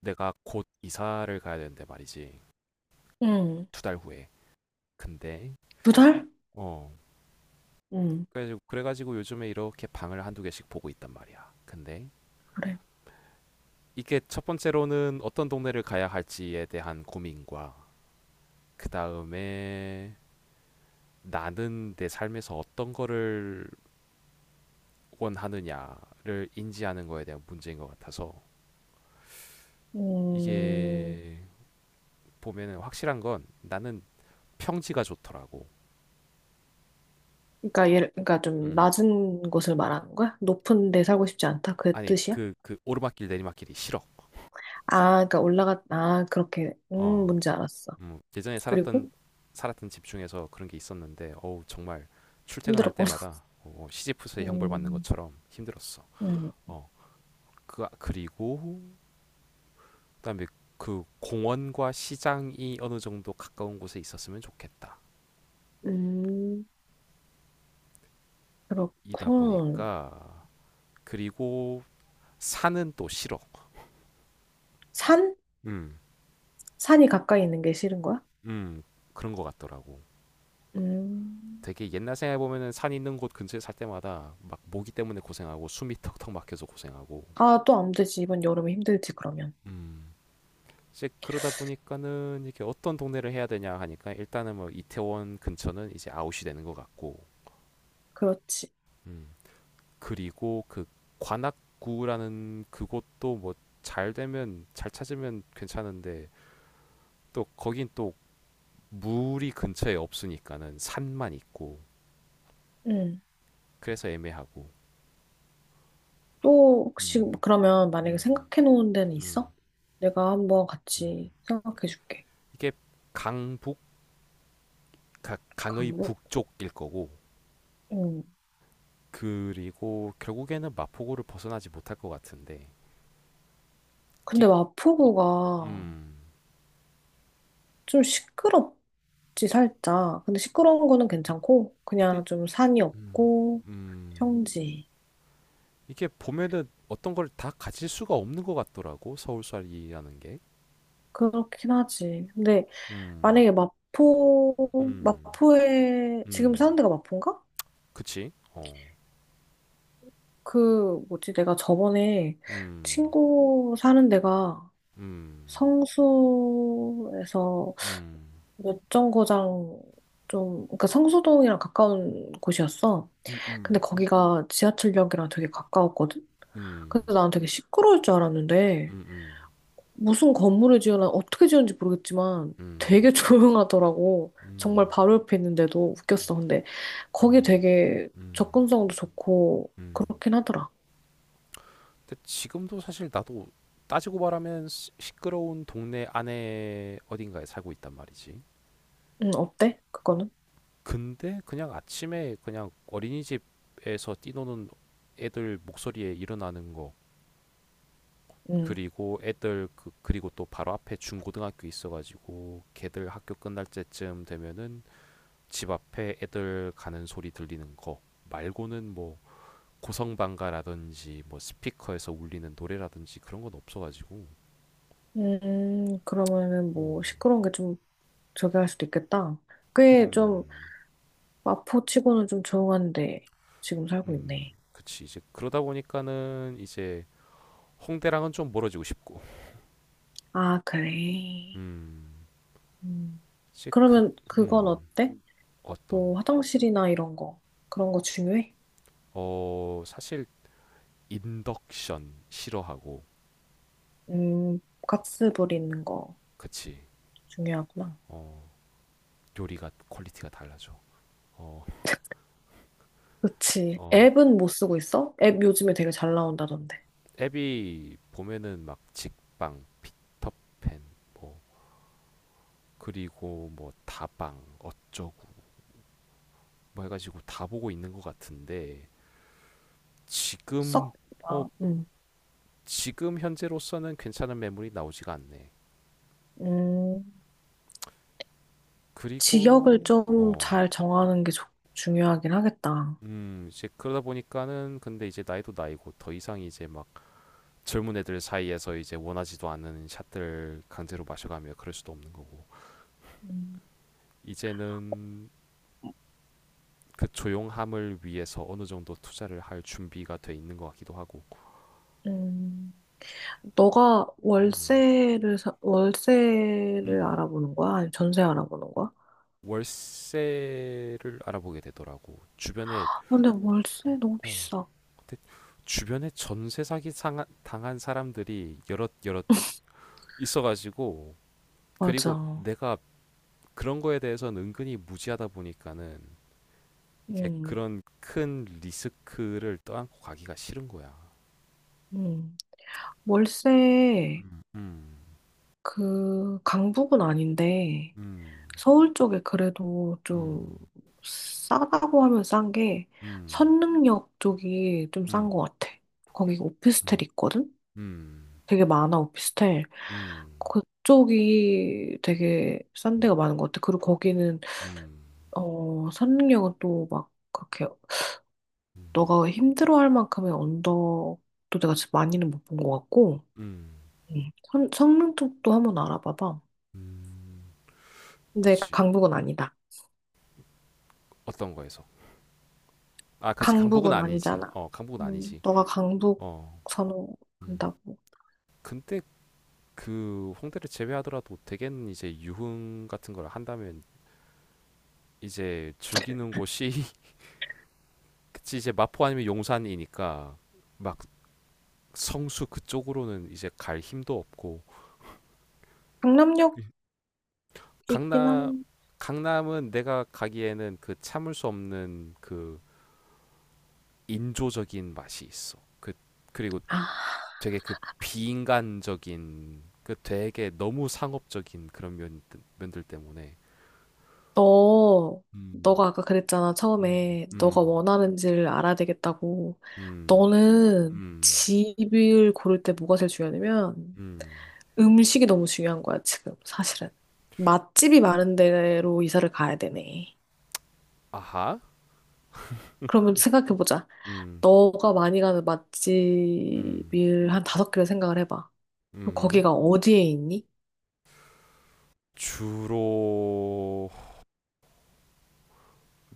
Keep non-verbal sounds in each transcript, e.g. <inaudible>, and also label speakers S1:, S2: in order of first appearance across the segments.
S1: 내가 곧 이사를 가야 되는데 말이지.
S2: 응,
S1: 2달 후에. 근데
S2: 두 달?
S1: 어
S2: 응.
S1: 그래가지고 요즘에 이렇게 방을 한두 개씩 보고 있단 말이야. 근데
S2: 그래.
S1: 이게 첫 번째로는 어떤 동네를 가야 할지에 대한 고민과 그 다음에 나는 내 삶에서 어떤 거를 원하느냐를 인지하는 거에 대한 문제인 것 같아서
S2: 음,
S1: 이게 보면은 확실한 건 나는 평지가 좋더라고.
S2: 그러니까 좀
S1: 음.
S2: 낮은 곳을 말하는 거야? 높은 데 살고 싶지 않다? 그
S1: 아니
S2: 뜻이야?
S1: 그 오르막길 내리막길이 싫어.
S2: 아, 그러니까 아, 그렇게,
S1: 어.
S2: 뭔지 알았어.
S1: 예전에 살았던
S2: 그리고
S1: 살았던 집 중에서 그런 게 있었는데 어우 정말 출퇴근할
S2: 힘들었구나. <laughs>
S1: 때마다 시지프스의 형벌 받는
S2: 음.
S1: 것처럼 힘들었어.
S2: 음.
S1: 어, 그리고 그다음에 그 공원과 시장이 어느 정도 가까운 곳에 있었으면 좋겠다.
S2: 음.
S1: 이다
S2: 그렇군.
S1: 보니까 그리고 산은 또 싫어.
S2: 산?
S1: 음,
S2: 산이 가까이 있는 게 싫은 거야?
S1: 음 그런 것 같더라고.
S2: 음.
S1: 되게 옛날 생각해 보면은 산 있는 곳 근처에 살 때마다 막 모기 때문에 고생하고 숨이 턱턱 막혀서 고생하고.
S2: 아, 또 안 되지. 이번 여름에 힘들지, 그러면.
S1: 음. 이제 그러다 보니까는 이게 어떤 동네를 해야 되냐 하니까 일단은 뭐 이태원 근처는 이제 아웃이 되는 것 같고.
S2: 그렇지.
S1: 음. 그리고 그 관악구라는 그곳도 뭐 잘 찾으면 괜찮은데 또 거긴 또 물이 근처에 없으니까는 산만 있고 그래서 애매하고.
S2: 또 혹시
S1: 음.
S2: 그러면 만약에
S1: 음.
S2: 생각해 놓은 데는 있어?
S1: 음.
S2: 내가 한번
S1: 음.
S2: 같이 생각해 줄게.
S1: 이게 강북, 강의
S2: 강북.
S1: 북쪽일 거고
S2: 응.
S1: 그리고 결국에는 마포구를 벗어나지 못할 것 같은데, 끼-
S2: 근데 마포구가
S1: 음.
S2: 좀 시끄럽지, 살짝. 근데 시끄러운 거는 괜찮고
S1: 근데
S2: 그냥 좀 산이
S1: 음.
S2: 없고
S1: 음.
S2: 평지.
S1: 이게 보면은 어떤 걸 다 가질 수가 없는 것 같더라고. 서울살이라는 게.
S2: 그렇긴 하지. 근데
S1: 음.
S2: 만약에 마포
S1: 음.
S2: 마포에 지금
S1: 음.
S2: 사는 데가 마포인가?
S1: 그치? 어.
S2: 그 뭐지? 내가 저번에
S1: 음.
S2: 친구 사는 데가
S1: 음.
S2: 성수에서 몇정거장, 좀, 그러니까 성수동이랑 가까운 곳이었어.
S1: 음,
S2: 근데
S1: 음.
S2: 거기가 지하철역이랑 되게 가까웠거든?
S1: 음.
S2: 그래서 난 되게 시끄러울 줄 알았는데,
S1: 음. 음.
S2: 무슨 건물을 지어나 어떻게 지었는지 모르겠지만 되게 <laughs> 조용하더라고. 정말
S1: 음.
S2: 바로 옆에 있는데도 웃겼어. 근데 거기
S1: 음.
S2: 되게
S1: 음.
S2: 접근성도 좋고
S1: 음.
S2: 그렇긴 하더라.
S1: 근데 지금도 사실 나도 따지고 말하면 시끄러운 동네 안에 어딘가에 살고 있단 말이지.
S2: 응, 어때? 그거는?
S1: 근데 그냥 아침에 그냥 어린이집에서 뛰노는 애들 목소리에 일어나는 거,
S2: 응.
S1: 그리고 애들 그리고 또 바로 앞에 중고등학교 있어가지고 걔들 학교 끝날 때쯤 되면은 집 앞에 애들 가는 소리 들리는 거 말고는 뭐 고성방가라든지 뭐 스피커에서 울리는 노래라든지 그런 건 없어가지고.
S2: 그러면은 뭐
S1: 어.
S2: 시끄러운 게 좀 저기 할 수도 있겠다. 꽤좀
S1: 음,
S2: 마포치고는 좀 조용한데 지금 살고 있네.
S1: 그치. 이제 그러다 보니까는 이제 홍대랑은 좀 멀어지고 싶고.
S2: 아, 그래.
S1: 음.
S2: 음.
S1: 사실
S2: 그러면 그건
S1: 음,
S2: 어때?
S1: 어떤,
S2: 뭐 화장실이나 이런 거, 그런 거 중요해?
S1: 사실 인덕션 싫어하고,
S2: 음, 가스 버리는 거
S1: 그치,
S2: 중요하구나.
S1: 어, 요리가 퀄리티가 달라져. 어,
S2: 그치.
S1: 어,
S2: 앱은 못 쓰고 있어? 앱 요즘에 되게 잘 나온다던데.
S1: 앱이 보면은 막 직방, 피터팬, 뭐, 그리고 뭐 다방, 어쩌고, 뭐 해가지고 다 보고 있는 것 같은데, 지금,
S2: 썩.
S1: 어,
S2: 아,
S1: 지금 현재로서는 괜찮은 매물이 나오지가 않네.
S2: 음. 지역을
S1: 그리고,
S2: 좀 잘 정하는 게 중요하긴 하겠다.
S1: 이제 그러다 보니까는 근데 이제 나이도 나이고 더 이상 이제 막 젊은 애들 사이에서 이제 원하지도 않는 샷들 강제로 마셔가며 그럴 수도 없는 거고
S2: 음.
S1: 이제는 그 조용함을 위해서 어느 정도 투자를 할 준비가 돼 있는 것 같기도 하고.
S2: 음. 너가
S1: 음,
S2: 월세를
S1: 음.
S2: 알아보는 거야? 아니면 전세 알아보는 거야?
S1: 월세를 알아보게 되더라고 주변에.
S2: 아, 근데
S1: 어,
S2: 월세 너무
S1: 어,
S2: 비싸.
S1: 근데 주변에 전세 사기 당한 사람들이 여럿 여럿 있어가지고 그리고
S2: 맞아.
S1: 내가 그런 거에 대해서는 은근히 무지하다 보니까는 이게
S2: 음.
S1: 그런 큰 리스크를 떠안고 가기가 싫은 거야.
S2: 음. 월세,
S1: 음, 음,
S2: 그 강북은 아닌데
S1: 음,
S2: 서울 쪽에 그래도 좀 싸다고 하면 싼 게
S1: 음,
S2: 선릉역 쪽이 좀
S1: 음,
S2: 싼
S1: 음,
S2: 것 같아. 거기
S1: 음,
S2: 오피스텔 있거든?
S1: 음,
S2: 되게 많아 오피스텔.
S1: 음, 음,
S2: 그쪽이 되게 싼 데가 많은 것 같아. 그리고 거기는
S1: 음,
S2: 선능력은 또 막 그렇게
S1: 음,
S2: 너가 힘들어할 만큼의 언덕도 내가 진짜 많이는 못 본 것 같고.
S1: 음,
S2: 음. 성능 쪽도 한번 알아봐봐.
S1: 음.
S2: 근데
S1: 그치.
S2: 강북은 아니다.
S1: 어떤 거에서? 아, 그치. 강북은
S2: 강북은
S1: 아니지.
S2: 아니잖아.
S1: 어, 강북은 아니지.
S2: 너가 강북
S1: 어, 음.
S2: 선호한다고.
S1: 근데 그 홍대를 제외하더라도 대개는 이제 유흥 같은 걸 한다면 이제 즐기는 곳이 그치 이제 마포 아니면 용산이니까 막 성수 그쪽으로는 이제 갈 힘도 없고.
S2: 강남역
S1: 예.
S2: 있긴
S1: 강남
S2: 한.
S1: 강남은 내가 가기에는 그 참을 수 없는 그 인조적인 맛이 있어. 그리고
S2: 아,
S1: 되게 그 비인간적인 그 되게 너무 상업적인 그런 면 면들 때문에.
S2: 너
S1: 음,
S2: 너가 아까 그랬잖아,
S1: 음,
S2: 처음에 너가
S1: 음,
S2: 원하는지를 알아야 되겠다고.
S1: 음,
S2: 너는
S1: 음,
S2: 집을 고를 때 뭐가 제일 중요하냐면
S1: 음.
S2: 음식이 너무 중요한 거야, 지금, 사실은. 맛집이 많은 데로 이사를 가야 되네.
S1: 아하.
S2: 그러면 생각해보자.
S1: 음,
S2: 너가 많이 가는
S1: 음,
S2: 맛집을 한 다섯 개를 생각을 해봐. 그럼
S1: 음.
S2: 거기가 어디에 있니?
S1: 주로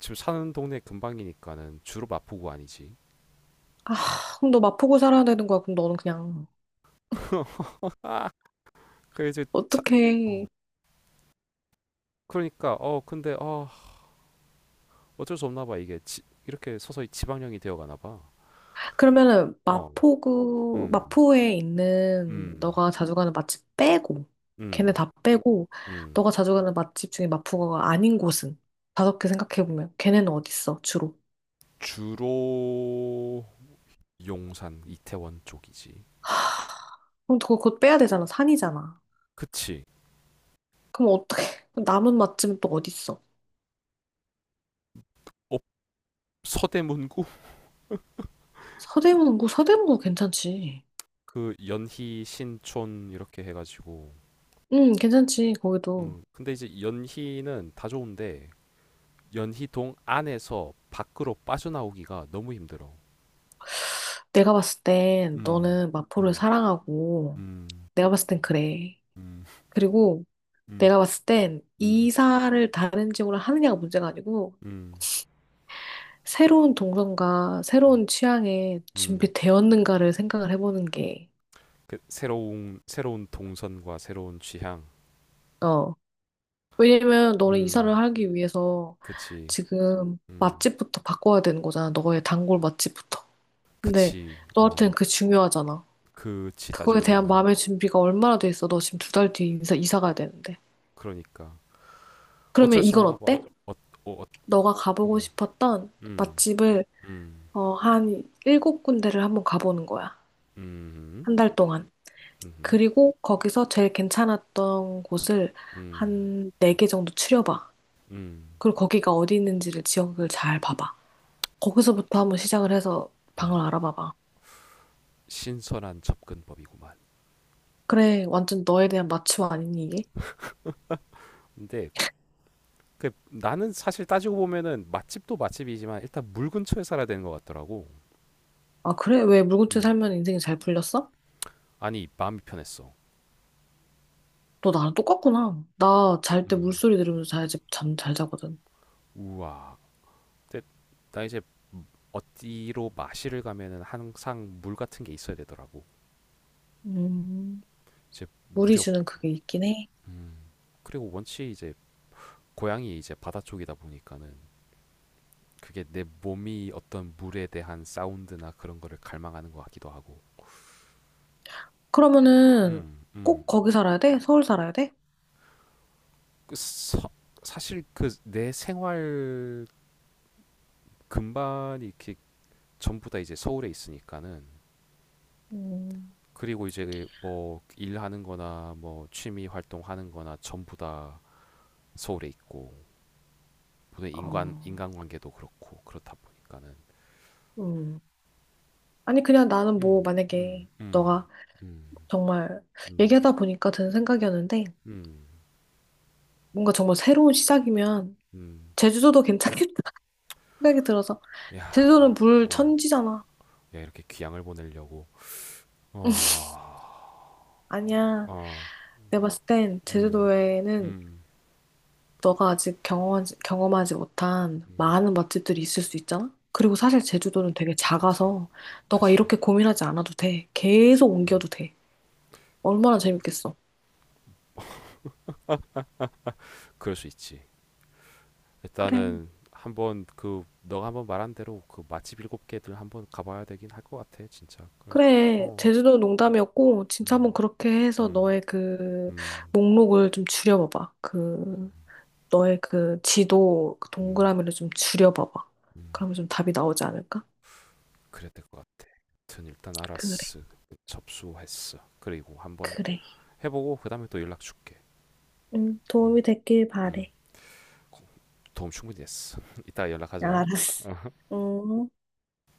S1: 지금 사는 동네 근방이니까는 주로 마포구 아니지.
S2: 아, 그럼 너 마포구 살아야 되는 거야. 그럼 너는 그냥,
S1: <laughs> 아, 이제 자, 어,
S2: 어떡해.
S1: 그러니까 근데 어쩔 수 없나 봐. 이게 이렇게 서서히 지방령이 되어 가나 봐.
S2: 그러면은,
S1: 어,
S2: 마포구,
S1: 음,
S2: 마포에 있는
S1: 음,
S2: 너가 자주 가는 맛집 빼고, 걔네
S1: 음,
S2: 다 빼고,
S1: 음.
S2: 너가 자주 가는 맛집 중에 마포구가 아닌 곳은 다섯 개 생각해보면, 걔네는 어디 있어, 주로?
S1: 주로 용산, 이태원 쪽이지.
S2: 그럼 그거 빼야 되잖아. 산이잖아.
S1: 그치?
S2: 그럼 어떻게 <laughs> 남은 맛집은 또 어디 있어?
S1: 업 서대문구 <laughs>
S2: 서대문구, 서대문구 괜찮지.
S1: 그 연희, 신촌 이렇게 해가지고.
S2: 응, 괜찮지, 거기도.
S1: 음. 근데 이제 연희는 다 좋은데 연희동 안에서 밖으로 빠져나오기가 너무 힘들어.
S2: 내가 봤을 땐
S1: 음,
S2: 너는 마포를
S1: 음,
S2: 사랑하고,
S1: 음,
S2: 내가 봤을 땐 그래.
S1: 음,
S2: 그리고
S1: 음,
S2: 내가 봤을 땐
S1: 음,
S2: 이사를 다른 지역으로 하느냐가 문제가 아니고
S1: 음,
S2: 새로운 동선과
S1: 음,
S2: 새로운 취향에
S1: 음.
S2: 준비되었는가를 생각을 해보는 게
S1: 그 새로운 동선과 새로운 취향.
S2: 어 왜냐면 너는
S1: 음,
S2: 이사를 하기 위해서
S1: 그치.
S2: 지금
S1: 음,
S2: 맛집부터 바꿔야 되는 거잖아. 너의 단골 맛집부터. 근데
S1: 그치. 어,
S2: 너한테는 그게 중요하잖아.
S1: 그치
S2: 그거에
S1: 따지고
S2: 대한
S1: 보면.
S2: 마음의 준비가 얼마나 돼 있어? 너 지금 두 달 뒤에 이사 가야 되는데.
S1: 그러니까
S2: 그러면
S1: 어쩔 수
S2: 이건
S1: 없나 봐.
S2: 어때?
S1: 어, 어, 어,
S2: 너가 가보고
S1: 음,
S2: 싶었던
S1: 음,
S2: 맛집을
S1: 음,
S2: 한 일곱 군데를 한번 가보는 거야.
S1: 음,
S2: 한 달 동안.
S1: 음,
S2: 그리고 거기서 제일 괜찮았던 곳을
S1: 음,
S2: 한 네 개 정도 추려봐.
S1: 음.
S2: 그리고 거기가 어디 있는지를, 지역을 잘 봐봐. 거기서부터 한번 시작을 해서
S1: 어,
S2: 방을 알아봐봐.
S1: 신선한 접근법이구만.
S2: 그래, 완전 너에 대한 마취와 아니니, 이게?
S1: 근데 나는 사실 따지고 보면은 맛집도 맛집이지만 일단 물 근처에 살아야 되는 것 같더라고.
S2: 아, 그래? 왜 물고기
S1: 음.
S2: 살면 인생이 잘 풀렸어?
S1: 아니 마음이 편했어.
S2: 너 나랑 똑같구나. 나 잘 때
S1: 음.
S2: 물소리 들으면서 자야지 잠 잘 자거든.
S1: 우와. 근데 나 이제 어디로 마시를 가면은 항상 물 같은 게 있어야 되더라고.
S2: 음.
S1: 이제
S2: 물이
S1: 무렵
S2: 주는 그게 있긴 해.
S1: 그리고 원체 이제 고향이 이제 바다 쪽이다 보니까는 그게 내 몸이 어떤 물에 대한 사운드나 그런 거를 갈망하는 것 같기도 하고.
S2: 그러면은
S1: 음. 음.
S2: 꼭 거기 살아야 돼? 서울 살아야 돼?
S1: 그 서- 사실 내 생활 근반이 이렇게 전부 다 이제 서울에 있으니까는
S2: 음.
S1: 그리고 이제 뭐 일하는 거나 뭐 취미 활동하는 거나 전부 다 서울에 있고 보통
S2: 어.
S1: 인간관계도 그렇고 그렇다 보니까는.
S2: 음. 아니, 그냥 나는 뭐,
S1: 음, 음,
S2: 만약에
S1: 음,
S2: 너가
S1: 음,
S2: 정말
S1: 음,
S2: 얘기하다 보니까 드는 생각이었는데,
S1: 음,
S2: 뭔가 정말 새로운 시작이면,
S1: 음.
S2: 제주도도 괜찮겠다 <laughs> 생각이 들어서,
S1: 야,
S2: 제주도는 물
S1: 어,
S2: 천지잖아.
S1: 야 이렇게 귀향을 보내려고. 어,
S2: 아니야.
S1: 어,
S2: 내가 봤을 땐
S1: 음,
S2: 제주도에는
S1: 음,
S2: 너가 아직 경험하지 못한
S1: 음,
S2: 많은 맛집들이 있을 수 있잖아? 그리고 사실 제주도는 되게
S1: 그치,
S2: 작아서 너가
S1: 그치,
S2: 이렇게 고민하지 않아도 돼. 계속
S1: 음.
S2: 옮겨도 돼. 얼마나 재밌겠어.
S1: 그럴 수 있지.
S2: 그래.
S1: 일단은 한번 그 너가 한번 말한 대로 그 맛집 7개들 한번 가봐야 되긴 할 것 같아 진짜 그,
S2: 그래.
S1: 어,
S2: 제주도 농담이었고, 진짜 한번
S1: 음,
S2: 그렇게 해서
S1: 음,
S2: 너의 그
S1: 음,
S2: 목록을 좀 줄여봐봐. 너의 그 지도, 그
S1: 음,
S2: 동그라미를 좀 줄여봐봐.
S1: 음,
S2: 그러면 좀 답이 나오지 않을까?
S1: 그래야 될 것 같아. 아무튼 일단
S2: 그래.
S1: 알았어. 접수했어. 그리고 한번
S2: 그래.
S1: 해보고 그 다음에 또 연락 줄게.
S2: 응,
S1: 음,
S2: 도움이 됐길
S1: 음,
S2: 바래.
S1: 도움 충분히 됐어. <laughs> 이따
S2: 아,
S1: 연락하자.
S2: 알았어.
S1: <laughs>
S2: 음.